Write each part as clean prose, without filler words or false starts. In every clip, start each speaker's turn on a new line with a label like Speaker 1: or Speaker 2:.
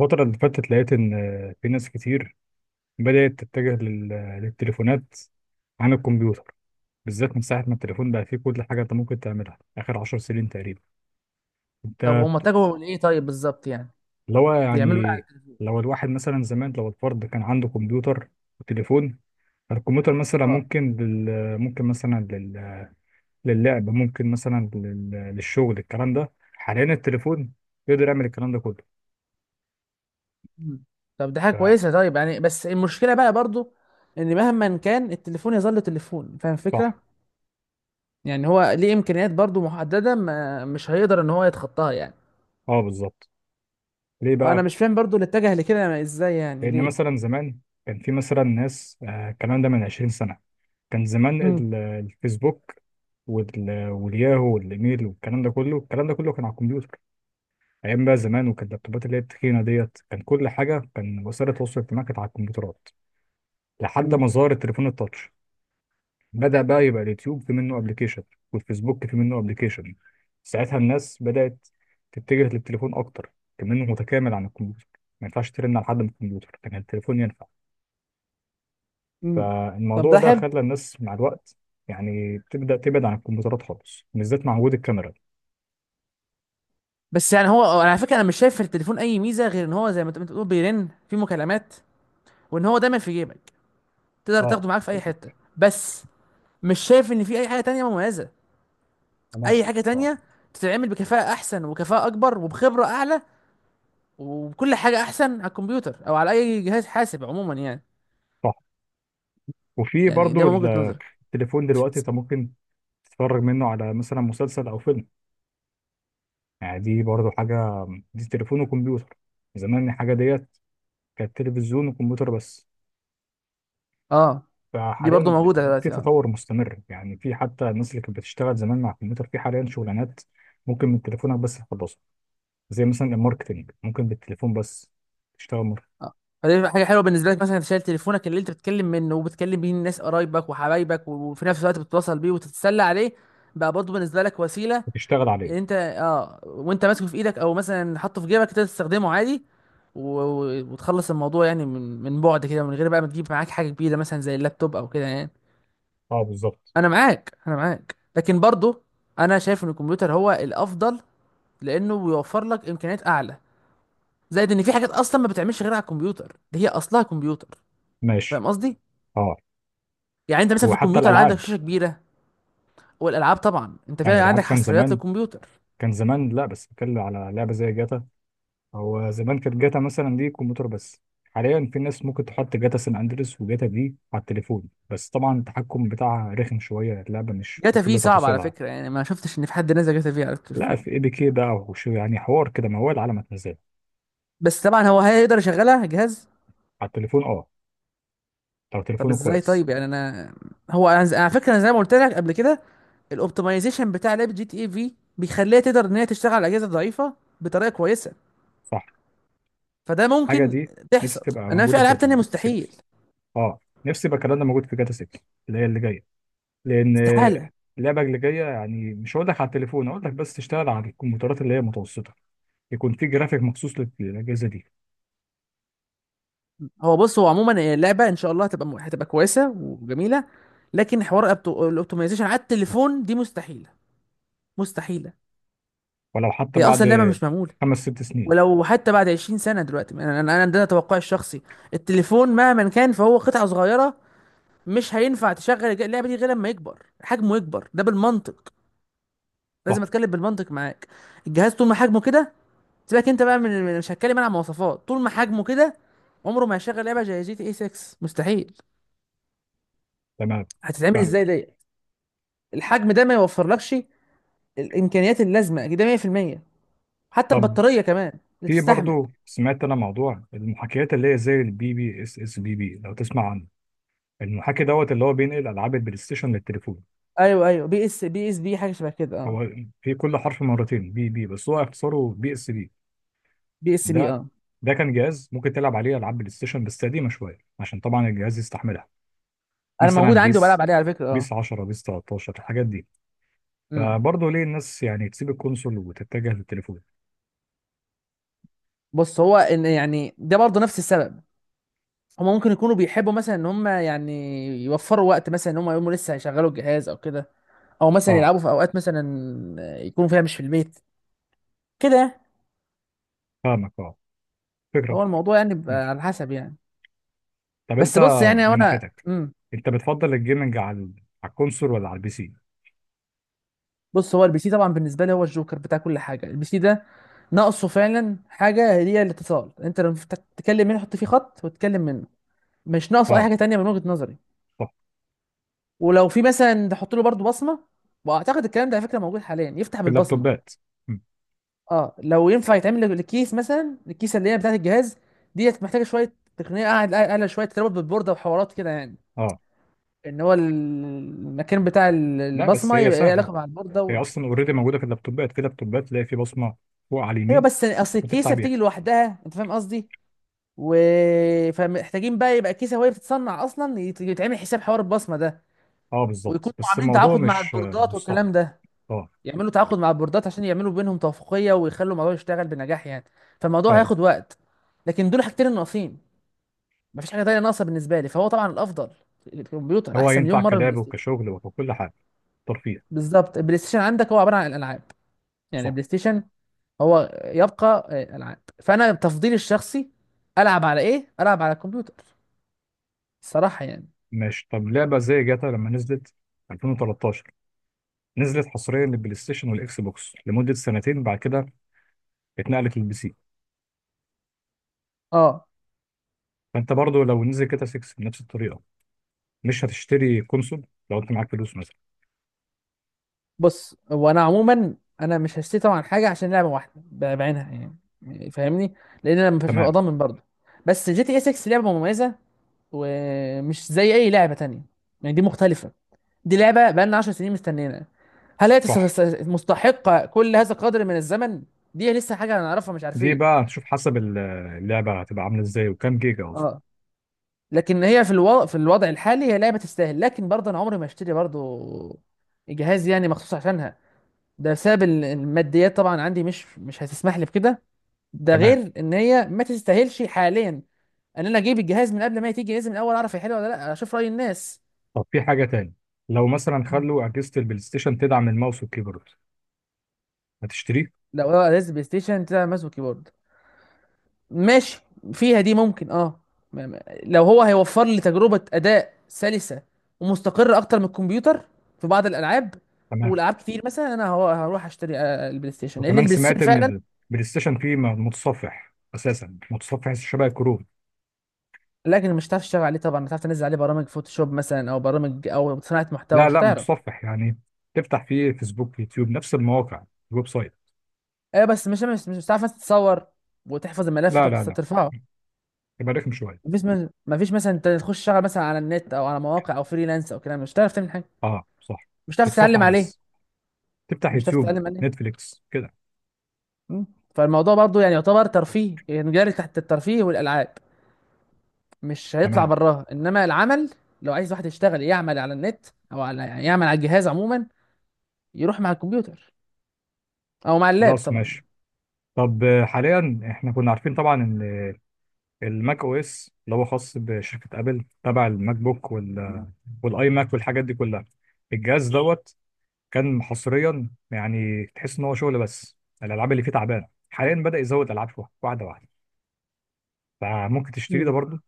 Speaker 1: الفترة اللي فاتت لقيت إن في ناس كتير بدأت تتجه للتليفونات عن الكمبيوتر، بالذات من ساعة ما التليفون بقى فيه كل حاجة أنت ممكن تعملها آخر عشر سنين تقريبا. أنت
Speaker 2: طب هم
Speaker 1: ت-
Speaker 2: اتجهوا لايه طيب بالظبط يعني؟
Speaker 1: اللي هو
Speaker 2: بيعملوا ايه
Speaker 1: يعني
Speaker 2: على التلفزيون؟
Speaker 1: لو الواحد مثلا زمان، لو الفرد كان عنده كمبيوتر وتليفون، الكمبيوتر مثلا
Speaker 2: اه.
Speaker 1: ممكن لل ممكن مثلا لل... للعب، للشغل. الكلام ده حاليا التليفون يقدر يعمل الكلام ده كله.
Speaker 2: مم. طب دي حاجه
Speaker 1: ف-
Speaker 2: كويسه طيب يعني. بس المشكله بقى برضو ان مهما كان التليفون يظل تليفون، فاهم
Speaker 1: صح.
Speaker 2: الفكره؟ يعني هو ليه امكانيات برضو محدده، ما مش هيقدر ان هو يتخطاها يعني.
Speaker 1: اه، بالظبط. ليه
Speaker 2: فانا
Speaker 1: بقى؟
Speaker 2: مش فاهم برضو اللي اتجه لكده يعني ازاي، يعني
Speaker 1: لأن
Speaker 2: ليه؟
Speaker 1: مثلا زمان كان في مثلا ناس، الكلام ده من 20 سنة، كان زمان
Speaker 2: مم.
Speaker 1: الفيسبوك والياهو والإيميل والكلام ده كله، الكلام ده كله كان على الكمبيوتر. أيام بقى زمان، وكان اللابتوبات اللي هي التخينة ديت، كان كل حاجة، كان وسائل التواصل الاجتماعي كانت على الكمبيوترات. لحد
Speaker 2: مم.
Speaker 1: ما ظهر التليفون التاتش، بدأ بقى يبقى اليوتيوب في منه أبلكيشن، والفيسبوك في منه أبلكيشن. ساعتها الناس بدأت تتجه للتليفون أكتر، كمان متكامل عن الكمبيوتر. ما ينفعش ترن على حد من الكمبيوتر، كان التليفون ينفع.
Speaker 2: مم. طب
Speaker 1: فالموضوع
Speaker 2: ده
Speaker 1: ده
Speaker 2: حلو.
Speaker 1: خلى الناس مع الوقت يعني تبدأ تبعد عن الكمبيوترات خالص، بالذات مع وجود الكاميرا.
Speaker 2: بس يعني هو على فكره انا مش شايف في التليفون اي ميزه غير ان هو زي ما انت بتقول بيرن في مكالمات، وان هو دايما في جيبك تقدر
Speaker 1: اه،
Speaker 2: تاخده معاك في اي حته. بس مش شايف ان في اي حاجه تانية مميزه.
Speaker 1: تمام.
Speaker 2: اي حاجه
Speaker 1: اه،
Speaker 2: تانية تتعمل بكفاءه احسن وكفاءه اكبر وبخبره اعلى وبكل حاجه احسن على الكمبيوتر او على اي جهاز حاسب عموما يعني.
Speaker 1: صح. وفي
Speaker 2: يعني ده
Speaker 1: برضو،
Speaker 2: من وجهه نظري.
Speaker 1: التليفون دلوقتي انت ممكن تتفرج منه على مثلا مسلسل او فيلم، يعني دي برضو حاجة، دي تليفون وكمبيوتر. زمان الحاجة ديت كانت تلفزيون وكمبيوتر بس.
Speaker 2: اه. دي برضو
Speaker 1: فحاليا
Speaker 2: موجوده
Speaker 1: في
Speaker 2: دلوقتي اه.
Speaker 1: تطور مستمر، يعني في حتى الناس اللي كانت بتشتغل زمان مع الكمبيوتر، في حاليا شغلانات ممكن من تليفونك بس تخلصها، زي مثلا الماركتينج، ممكن بالتليفون بس تشتغل،
Speaker 2: آه. فدي حاجه حلوه بالنسبه لك مثلا، انت شايل تليفونك اللي انت بتتكلم منه وبتكلم بيه الناس قرايبك وحبايبك وفي نفس الوقت بتتواصل بيه وتتسلى عليه. بقى برضو بالنسبه لك وسيله
Speaker 1: بتشتغل عليه.
Speaker 2: انت وانت ماسكه في ايدك او مثلا حاطه في جيبك تقدر تستخدمه عادي، وتخلص الموضوع يعني من بعد كده، من غير بقى ما تجيب معاك حاجه كبيره مثلا زي اللابتوب او كده يعني.
Speaker 1: اه، بالظبط.
Speaker 2: انا معاك، انا معاك، لكن برضو انا شايف ان الكمبيوتر هو الافضل لانه بيوفر لك امكانيات اعلى. زائد ان في حاجات اصلا ما بتعملش غير على الكمبيوتر، دي هي اصلها كمبيوتر،
Speaker 1: ماشي.
Speaker 2: فاهم قصدي؟
Speaker 1: اه،
Speaker 2: يعني انت مثلا في
Speaker 1: وحتى
Speaker 2: الكمبيوتر عندك
Speaker 1: الالعاب.
Speaker 2: شاشه كبيره. والالعاب طبعا انت
Speaker 1: يعني
Speaker 2: فعلا عندك
Speaker 1: الالعاب كان
Speaker 2: حصريات
Speaker 1: زمان،
Speaker 2: للكمبيوتر.
Speaker 1: كان زمان لا، بس بتكلم على لعبه زي جاتا. هو زمان كانت جاتا مثلا دي كمبيوتر بس. حاليا في ناس ممكن تحط جاتا سان اندريس وجاتا دي على التليفون، بس طبعا التحكم بتاعها رخم شويه، اللعبه مش
Speaker 2: جاتا في
Speaker 1: بكل
Speaker 2: صعب على
Speaker 1: تفاصيلها.
Speaker 2: فكره، يعني ما شفتش ان في حد نزل جاتا في على
Speaker 1: لا،
Speaker 2: التليفون.
Speaker 1: في اي بي كي بقى وشو، يعني حوار كده، موال على ما هو العالم هتنزله
Speaker 2: بس طبعا هو هيقدر يشغلها جهاز.
Speaker 1: على التليفون. اه، لو
Speaker 2: طب
Speaker 1: تليفونه
Speaker 2: ازاي
Speaker 1: كويس.
Speaker 2: طيب يعني؟ انا هو انا على فكره انا زي ما قلت لك قبل كده، الاوبتمايزيشن بتاع لعبه جي تي اي في بيخليها تقدر ان هي تشتغل على الاجهزه الضعيفه بطريقه كويسه.
Speaker 1: صح.
Speaker 2: فده
Speaker 1: الحاجه
Speaker 2: ممكن
Speaker 1: دي نفسي
Speaker 2: تحصل،
Speaker 1: تبقى
Speaker 2: انما في
Speaker 1: موجوده في
Speaker 2: العاب تانية
Speaker 1: ال 6.
Speaker 2: مستحيل.
Speaker 1: اه، نفسي يبقى الكلام ده موجود في جاتا 6 اللي هي اللي جايه. لان
Speaker 2: استحاله.
Speaker 1: اللعبه اللي جايه يعني مش هقول لك على التليفون، هقول لك بس تشتغل على الكمبيوترات اللي هي متوسطه، يكون في جرافيك مخصوص للاجهزه دي.
Speaker 2: هو بص، هو عموما اللعبه ان شاء الله هتبقى هتبقى كويسه وجميله. لكن حوار الاوبتمايزيشن على التليفون دي مستحيله. مستحيله.
Speaker 1: ولو حتى
Speaker 2: هي
Speaker 1: بعد
Speaker 2: اصلا اللعبه مش معموله.
Speaker 1: خمس ست سنين.
Speaker 2: ولو حتى بعد 20 سنة دلوقتي، انا انا أنا ده توقعي الشخصي. التليفون مهما كان فهو قطعة صغيرة، مش هينفع تشغل اللعبة دي غير لما يكبر حجمه. يكبر ده بالمنطق، لازم
Speaker 1: صح.
Speaker 2: اتكلم بالمنطق معاك. الجهاز طول ما حجمه كده، سيبك انت بقى مش هتكلم انا عن مواصفات. طول ما حجمه كده، عمره ما هيشغل لعبة زي جي تي اي 6. مستحيل.
Speaker 1: تمام.
Speaker 2: هتتعمل
Speaker 1: فاهم.
Speaker 2: ازاي ديت؟ الحجم ده ما يوفرلكش الامكانيات اللازمة، ده 100%. حتى
Speaker 1: طب
Speaker 2: البطارية كمان اللي
Speaker 1: في
Speaker 2: تستحمل.
Speaker 1: برضو، سمعت انا موضوع المحاكيات اللي هي زي البي بي اس اس بي بي لو تسمع عنه، المحاكي دوت اللي هو بينقل العاب البلاي ستيشن للتليفون.
Speaker 2: ايوه ايوه، بي اس بي اس بي، حاجة شبه كده اه.
Speaker 1: هو في كل حرف مرتين، بي بي، بس هو اختصاره بي اس بي.
Speaker 2: بي اس بي
Speaker 1: ده
Speaker 2: اه.
Speaker 1: ده كان جهاز ممكن تلعب عليه العاب بلاي ستيشن بس قديمه شويه، عشان طبعا الجهاز يستحملها.
Speaker 2: انا
Speaker 1: مثلا
Speaker 2: موجود عندي وبلعب
Speaker 1: بيس،
Speaker 2: عليه على فكره. اه
Speaker 1: بيس 10، بيس 13، الحاجات دي.
Speaker 2: امم
Speaker 1: فبرضه ليه الناس يعني تسيب الكونسول وتتجه للتليفون؟
Speaker 2: بص هو ان يعني ده برضه نفس السبب. هما ممكن يكونوا بيحبوا مثلا ان هما يعني يوفروا وقت، مثلا ان هما يقوموا لسه هيشغلوا الجهاز او كده، او مثلا
Speaker 1: اه،
Speaker 2: يلعبوا في اوقات مثلا يكونوا فيها مش في البيت. كده يعني.
Speaker 1: فاهمك. اه، فكرة
Speaker 2: هو
Speaker 1: برضه.
Speaker 2: الموضوع يعني بيبقى
Speaker 1: ماشي.
Speaker 2: على حسب يعني.
Speaker 1: طب انت
Speaker 2: بس بص يعني هو
Speaker 1: من
Speaker 2: انا
Speaker 1: ناحيتك، انت بتفضل الجيمنج على على الكونسول ولا على البي سي؟
Speaker 2: بص هو البي سي طبعا بالنسبه لي هو الجوكر بتاع كل حاجه. البي سي ده ناقصه فعلا حاجه، هي الاتصال. انت لما تتكلم منه، حط فيه خط وتتكلم منه. مش ناقصه اي
Speaker 1: اه.
Speaker 2: حاجه تانية من وجهه نظري.
Speaker 1: صح.
Speaker 2: ولو في مثلا تحط له برضو بصمه، واعتقد الكلام ده على فكره موجود حاليا، يفتح
Speaker 1: في اللابتوبات.
Speaker 2: بالبصمه
Speaker 1: م.
Speaker 2: اه. لو ينفع يتعمل الكيس مثلا، الكيسه اللي هي بتاعه الجهاز ديت، محتاجه شويه تقنيه قاعد اعلى شويه، تربط بالبورده وحوارات كده يعني.
Speaker 1: اه.
Speaker 2: ان هو ال- المكان بتاع ال-
Speaker 1: لا، بس
Speaker 2: البصمه
Speaker 1: هي
Speaker 2: يبقى ليه
Speaker 1: سهلة.
Speaker 2: علاقه مع البورده
Speaker 1: هي اصلا اوريدي موجودة في اللابتوبات، في لابتوبات تلاقي في بصمة فوق على
Speaker 2: ايوه
Speaker 1: اليمين
Speaker 2: بس اصل
Speaker 1: وتفتح
Speaker 2: الكيسه
Speaker 1: بيها.
Speaker 2: بتيجي لوحدها، انت فاهم قصدي؟ و فمحتاجين بقى يبقى الكيسه وهي بتتصنع اصلا يتعمل حساب حوار البصمه ده.
Speaker 1: اه، بالظبط.
Speaker 2: ويكونوا
Speaker 1: بس
Speaker 2: عاملين
Speaker 1: الموضوع
Speaker 2: تعاقد مع
Speaker 1: مش،
Speaker 2: البوردات
Speaker 1: مش صعب.
Speaker 2: والكلام ده.
Speaker 1: اه.
Speaker 2: يعملوا تعاقد مع البوردات عشان يعملوا بينهم توافقيه ويخلوا الموضوع يشتغل بنجاح يعني. فالموضوع
Speaker 1: فاهم.
Speaker 2: هياخد وقت. لكن دول حاجتين الناقصين. مفيش حاجه تانية ناقصه بالنسبه لي، فهو طبعا الافضل. الكمبيوتر
Speaker 1: هو
Speaker 2: احسن مليون
Speaker 1: ينفع
Speaker 2: مره من البلاي
Speaker 1: كلعب
Speaker 2: ستيشن.
Speaker 1: وكشغل وككل حاجة، ترفيه.
Speaker 2: بالظبط، البلاي ستيشن عندك هو عباره عن الالعاب. يعني
Speaker 1: صح.
Speaker 2: البلاي ستيشن هو يبقى العاب. فانا تفضيلي الشخصي العب على ايه؟ العب على الكمبيوتر، الصراحه يعني.
Speaker 1: ماشي. طب لعبة زي جاتا لما نزلت 2013، نزلت حصريا للبلاي ستيشن والاكس بوكس لمدة سنتين، بعد كده اتنقلت للبي سي.
Speaker 2: اه.
Speaker 1: فانت برضو لو نزل جاتا 6 بنفس الطريقة، مش هتشتري كونسول لو انت معاك فلوس مثلا؟
Speaker 2: بص هو انا عموما انا مش هشتكي طبعا حاجه عشان لعبه واحده بعينها يعني. يعني فاهمني؟ لان انا مش هبقى
Speaker 1: تمام.
Speaker 2: ضامن برضه. بس جي تي اس 6 لعبه مميزه، ومش زي اي لعبه تانية يعني. دي مختلفه. دي لعبه بقالنا 10 سنين مستنينا. هل هي
Speaker 1: صح.
Speaker 2: مستحقه كل هذا القدر من الزمن؟ دي لسه حاجه هنعرفها، مش
Speaker 1: دي
Speaker 2: عارفين.
Speaker 1: بقى هتشوف حسب اللعبة هتبقى عاملة ازاي وكام جيجا اصلا.
Speaker 2: اه. لكن هي في الوضع الحالي هي لعبه تستاهل، لكن برضه انا عمري ما اشتري برضه جهاز يعني مخصوص عشانها. ده بسبب ال- الماديات طبعا عندي، مش مش هتسمح لي بكده. ده
Speaker 1: تمام.
Speaker 2: غير ان هي ما تستاهلش حاليا ان انا اجيب الجهاز من قبل ما تيجي. لازم الاول اعرف هي حلوه ولا لا، اشوف راي الناس.
Speaker 1: طب في حاجة تاني، لو مثلا
Speaker 2: مم.
Speaker 1: خلوا أجهزة البلاي ستيشن تدعم الماوس والكيبورد، هتشتريه؟
Speaker 2: لو هو جهاز بلاي ستيشن تلعب ماوس وكيبورد، ماشي، فيها دي ممكن اه. لو هو هيوفر لي تجربه اداء سلسه ومستقره اكتر من الكمبيوتر في بعض الالعاب
Speaker 1: تمام.
Speaker 2: والعاب كتير، مثلا انا هو هروح اشتري البلاي ستيشن، لان
Speaker 1: وكمان
Speaker 2: البلاي ستيشن
Speaker 1: سمعت ان
Speaker 2: فعلا.
Speaker 1: البلاي ستيشن فيه متصفح، اساسا متصفح شبه الكروت.
Speaker 2: لكن مش هتعرف تشتغل عليه طبعا، مش هتعرف تنزل عليه برامج فوتوشوب مثلا او برامج او صناعه محتوى،
Speaker 1: لا
Speaker 2: مش
Speaker 1: لا،
Speaker 2: هتعرف.
Speaker 1: متصفح يعني تفتح فيه فيسبوك، يوتيوب، نفس المواقع، الويب سايت.
Speaker 2: ايه بس مش بتعرف مثلا تتصور وتحفظ الملف
Speaker 1: لا
Speaker 2: وتروح
Speaker 1: لا لا،
Speaker 2: ترفعه.
Speaker 1: يبقى رخم شويه.
Speaker 2: مفيش مثلا انت تخش تشتغل مثلا على النت او على مواقع او فريلانس او كلام، مش هتعرف تعمل حاجه.
Speaker 1: اه، صح.
Speaker 2: مش هتعرف تتعلم
Speaker 1: تتصفح
Speaker 2: عليه
Speaker 1: بس، تفتح
Speaker 2: مش هتعرف
Speaker 1: يوتيوب،
Speaker 2: تتعلم عليه
Speaker 1: نتفليكس كده.
Speaker 2: مم. فالموضوع برضو يعني يعتبر ترفيه يعني، جاري تحت الترفيه والالعاب، مش هيطلع
Speaker 1: تمام.
Speaker 2: براها انما العمل. لو عايز واحد يشتغل يعمل على النت، او على يعني يعمل على الجهاز عموما، يروح مع الكمبيوتر او مع اللاب
Speaker 1: خلاص،
Speaker 2: طبعا.
Speaker 1: ماشي. طب حاليا احنا كنا عارفين طبعا ان الماك او اس اللي هو خاص بشركه ابل، تبع الماك بوك والاي ماك والحاجات دي كلها، الجهاز دوت كان حصريا، يعني تحس ان هو شغل بس. الالعاب اللي فيه تعبانه، حاليا بدا يزود العاب شويه واحده واحده، فممكن تشتري ده
Speaker 2: مم.
Speaker 1: برضه.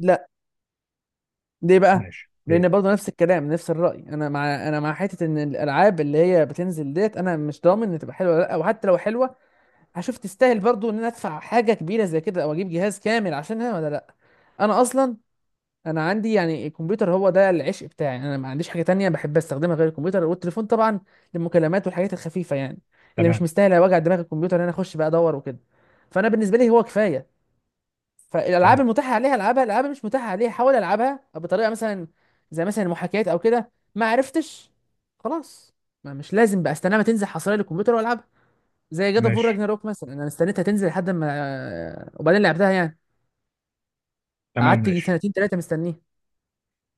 Speaker 2: لا. ليه بقى؟
Speaker 1: ماشي طيب.
Speaker 2: لان برضه نفس الكلام نفس الراي، انا مع حته ان الالعاب اللي هي بتنزل ديت، انا مش ضامن ان تبقى حلوه ولا لا، وحتى لو حلوه هشوف تستاهل برضه ان انا ادفع حاجه كبيره زي كده او اجيب جهاز كامل عشانها ولا لا. انا اصلا انا عندي يعني الكمبيوتر هو ده العشق بتاعي. انا ما عنديش حاجه تانية بحب استخدمها غير الكمبيوتر والتليفون طبعا للمكالمات والحاجات الخفيفه يعني، اللي مش
Speaker 1: تمام.
Speaker 2: مستاهله وجع دماغ الكمبيوتر ان انا اخش بقى ادور وكده. فانا بالنسبه لي هو كفايه. فالالعاب
Speaker 1: اه.
Speaker 2: المتاحه عليها العبها، الالعاب اللي مش متاحه عليها حاول العبها بطريقه مثلا زي مثلا المحاكيات او كده. ما عرفتش خلاص، ما مش لازم بقى استناها، ما تنزل حصريه للكمبيوتر والعبها. زي جاد اوف وور
Speaker 1: ماشي.
Speaker 2: راجناروك مثلا، انا استنيتها تنزل لحد ما وبعدين لعبتها يعني.
Speaker 1: تمام.
Speaker 2: قعدت يجي
Speaker 1: ماشي.
Speaker 2: سنتين ثلاثه مستنيه.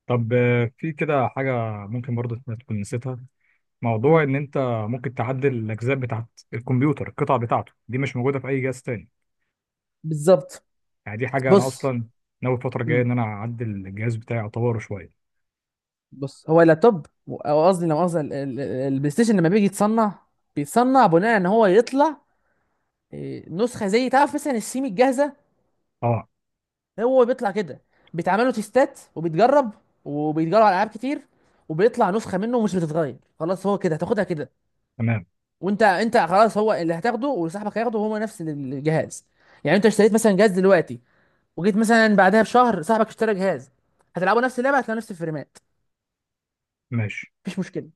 Speaker 1: طب في كده حاجة ممكن برضه إنت تكون نسيتها، موضوع
Speaker 2: امم.
Speaker 1: إن أنت ممكن تعدل الأجزاء بتاعت الكمبيوتر. القطع بتاعته دي مش موجودة في أي جهاز تاني.
Speaker 2: بالظبط.
Speaker 1: يعني دي حاجة أنا
Speaker 2: بص.
Speaker 1: أصلا ناوي الفترة الجاية
Speaker 2: امم.
Speaker 1: إن أنا أعدل الجهاز بتاعي، أطوره شوية.
Speaker 2: هو اللابتوب او قصدي لو قصدي البلاي ستيشن لما بيجي يتصنع، بيتصنع بناء ان هو يطلع نسخه زي تعرف مثلا السيمي الجاهزه.
Speaker 1: اه.
Speaker 2: هو بيطلع كده، بيتعملوا تيستات وبيتجرب وبيتجرب على العاب كتير، وبيطلع نسخه منه مش بتتغير خلاص. هو كده هتاخدها كده.
Speaker 1: تمام.
Speaker 2: وانت انت خلاص هو اللي هتاخده وصاحبك هياخده، هو نفس الجهاز. يعني انت اشتريت مثلا جهاز دلوقتي، وجيت مثلا بعدها بشهر صاحبك اشترى جهاز، هتلعبوا نفس اللعبه هتلاقوا نفس الفريمات.
Speaker 1: ماشي.
Speaker 2: مفيش مشكله.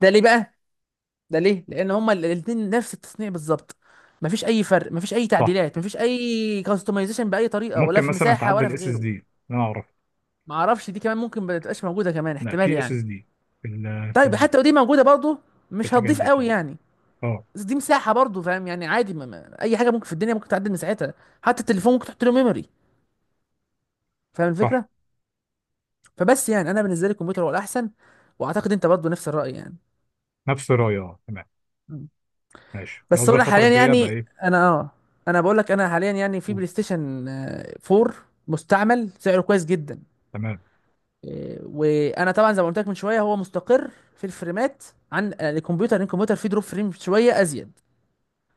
Speaker 2: ده ليه بقى؟ ده ليه لان هما الاثنين نفس التصنيع بالظبط. مفيش اي فرق، مفيش اي
Speaker 1: صح.
Speaker 2: تعديلات، مفيش اي كاستمايزيشن باي طريقه ولا
Speaker 1: ممكن
Speaker 2: في
Speaker 1: مثلا
Speaker 2: مساحه ولا
Speaker 1: تعدل
Speaker 2: في
Speaker 1: اس اس
Speaker 2: غيره.
Speaker 1: دي أنا أعرف.
Speaker 2: معرفش دي كمان ممكن ما تبقاش موجوده كمان،
Speaker 1: لا،
Speaker 2: احتمال
Speaker 1: في اس
Speaker 2: يعني.
Speaker 1: اس دي، في
Speaker 2: طيب حتى لو دي موجوده برضه
Speaker 1: في
Speaker 2: مش
Speaker 1: الحاجات
Speaker 2: هتضيف
Speaker 1: دي،
Speaker 2: قوي
Speaker 1: تمام.
Speaker 2: يعني.
Speaker 1: اه.
Speaker 2: بس دي مساحه برضه فاهم يعني عادي، ما اي حاجه ممكن في الدنيا ممكن تعدل مساحتها. حتى التليفون ممكن تحط له ميموري، فاهم
Speaker 1: صح.
Speaker 2: الفكره؟ فبس يعني انا بالنسبه لي الكمبيوتر هو الاحسن، واعتقد انت برضه نفس الراي يعني.
Speaker 1: نفس الرأي، اه. تمام.
Speaker 2: م.
Speaker 1: ماشي. خلاص
Speaker 2: بس هو
Speaker 1: بقى
Speaker 2: انا
Speaker 1: الفترة
Speaker 2: حاليا
Speaker 1: الجاية بقى
Speaker 2: يعني،
Speaker 1: إيه؟
Speaker 2: انا اه انا بقول لك انا حاليا يعني في
Speaker 1: قول.
Speaker 2: بلاي ستيشن 4 مستعمل سعره كويس جدا.
Speaker 1: تمام.
Speaker 2: وانا طبعا زي ما قلت لك من شويه هو مستقر في الفريمات عن الكمبيوتر، لأن الكمبيوتر فيه دروب فريم شويه ازيد.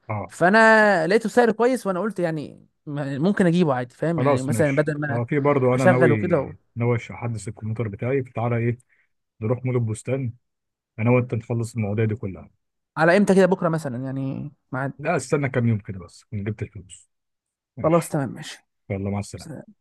Speaker 1: اه.
Speaker 2: فانا لقيته سعر كويس وانا قلت يعني ممكن اجيبه عادي فاهم يعني،
Speaker 1: خلاص،
Speaker 2: مثلا
Speaker 1: ماشي.
Speaker 2: بدل ما
Speaker 1: اه، في برضه انا
Speaker 2: اشغل
Speaker 1: ناوي،
Speaker 2: وكده.
Speaker 1: ناوي احدث الكمبيوتر بتاعي. فتعالى ايه، نروح مول البستان انا وانت نخلص المواضيع دي كلها.
Speaker 2: على امتى كده؟ بكره مثلا يعني ميعاد؟
Speaker 1: لا، استنى كام يوم كده، بس كنت جبت الفلوس.
Speaker 2: خلاص
Speaker 1: ماشي.
Speaker 2: تمام ماشي.
Speaker 1: يلا، مع السلامه.
Speaker 2: سلام.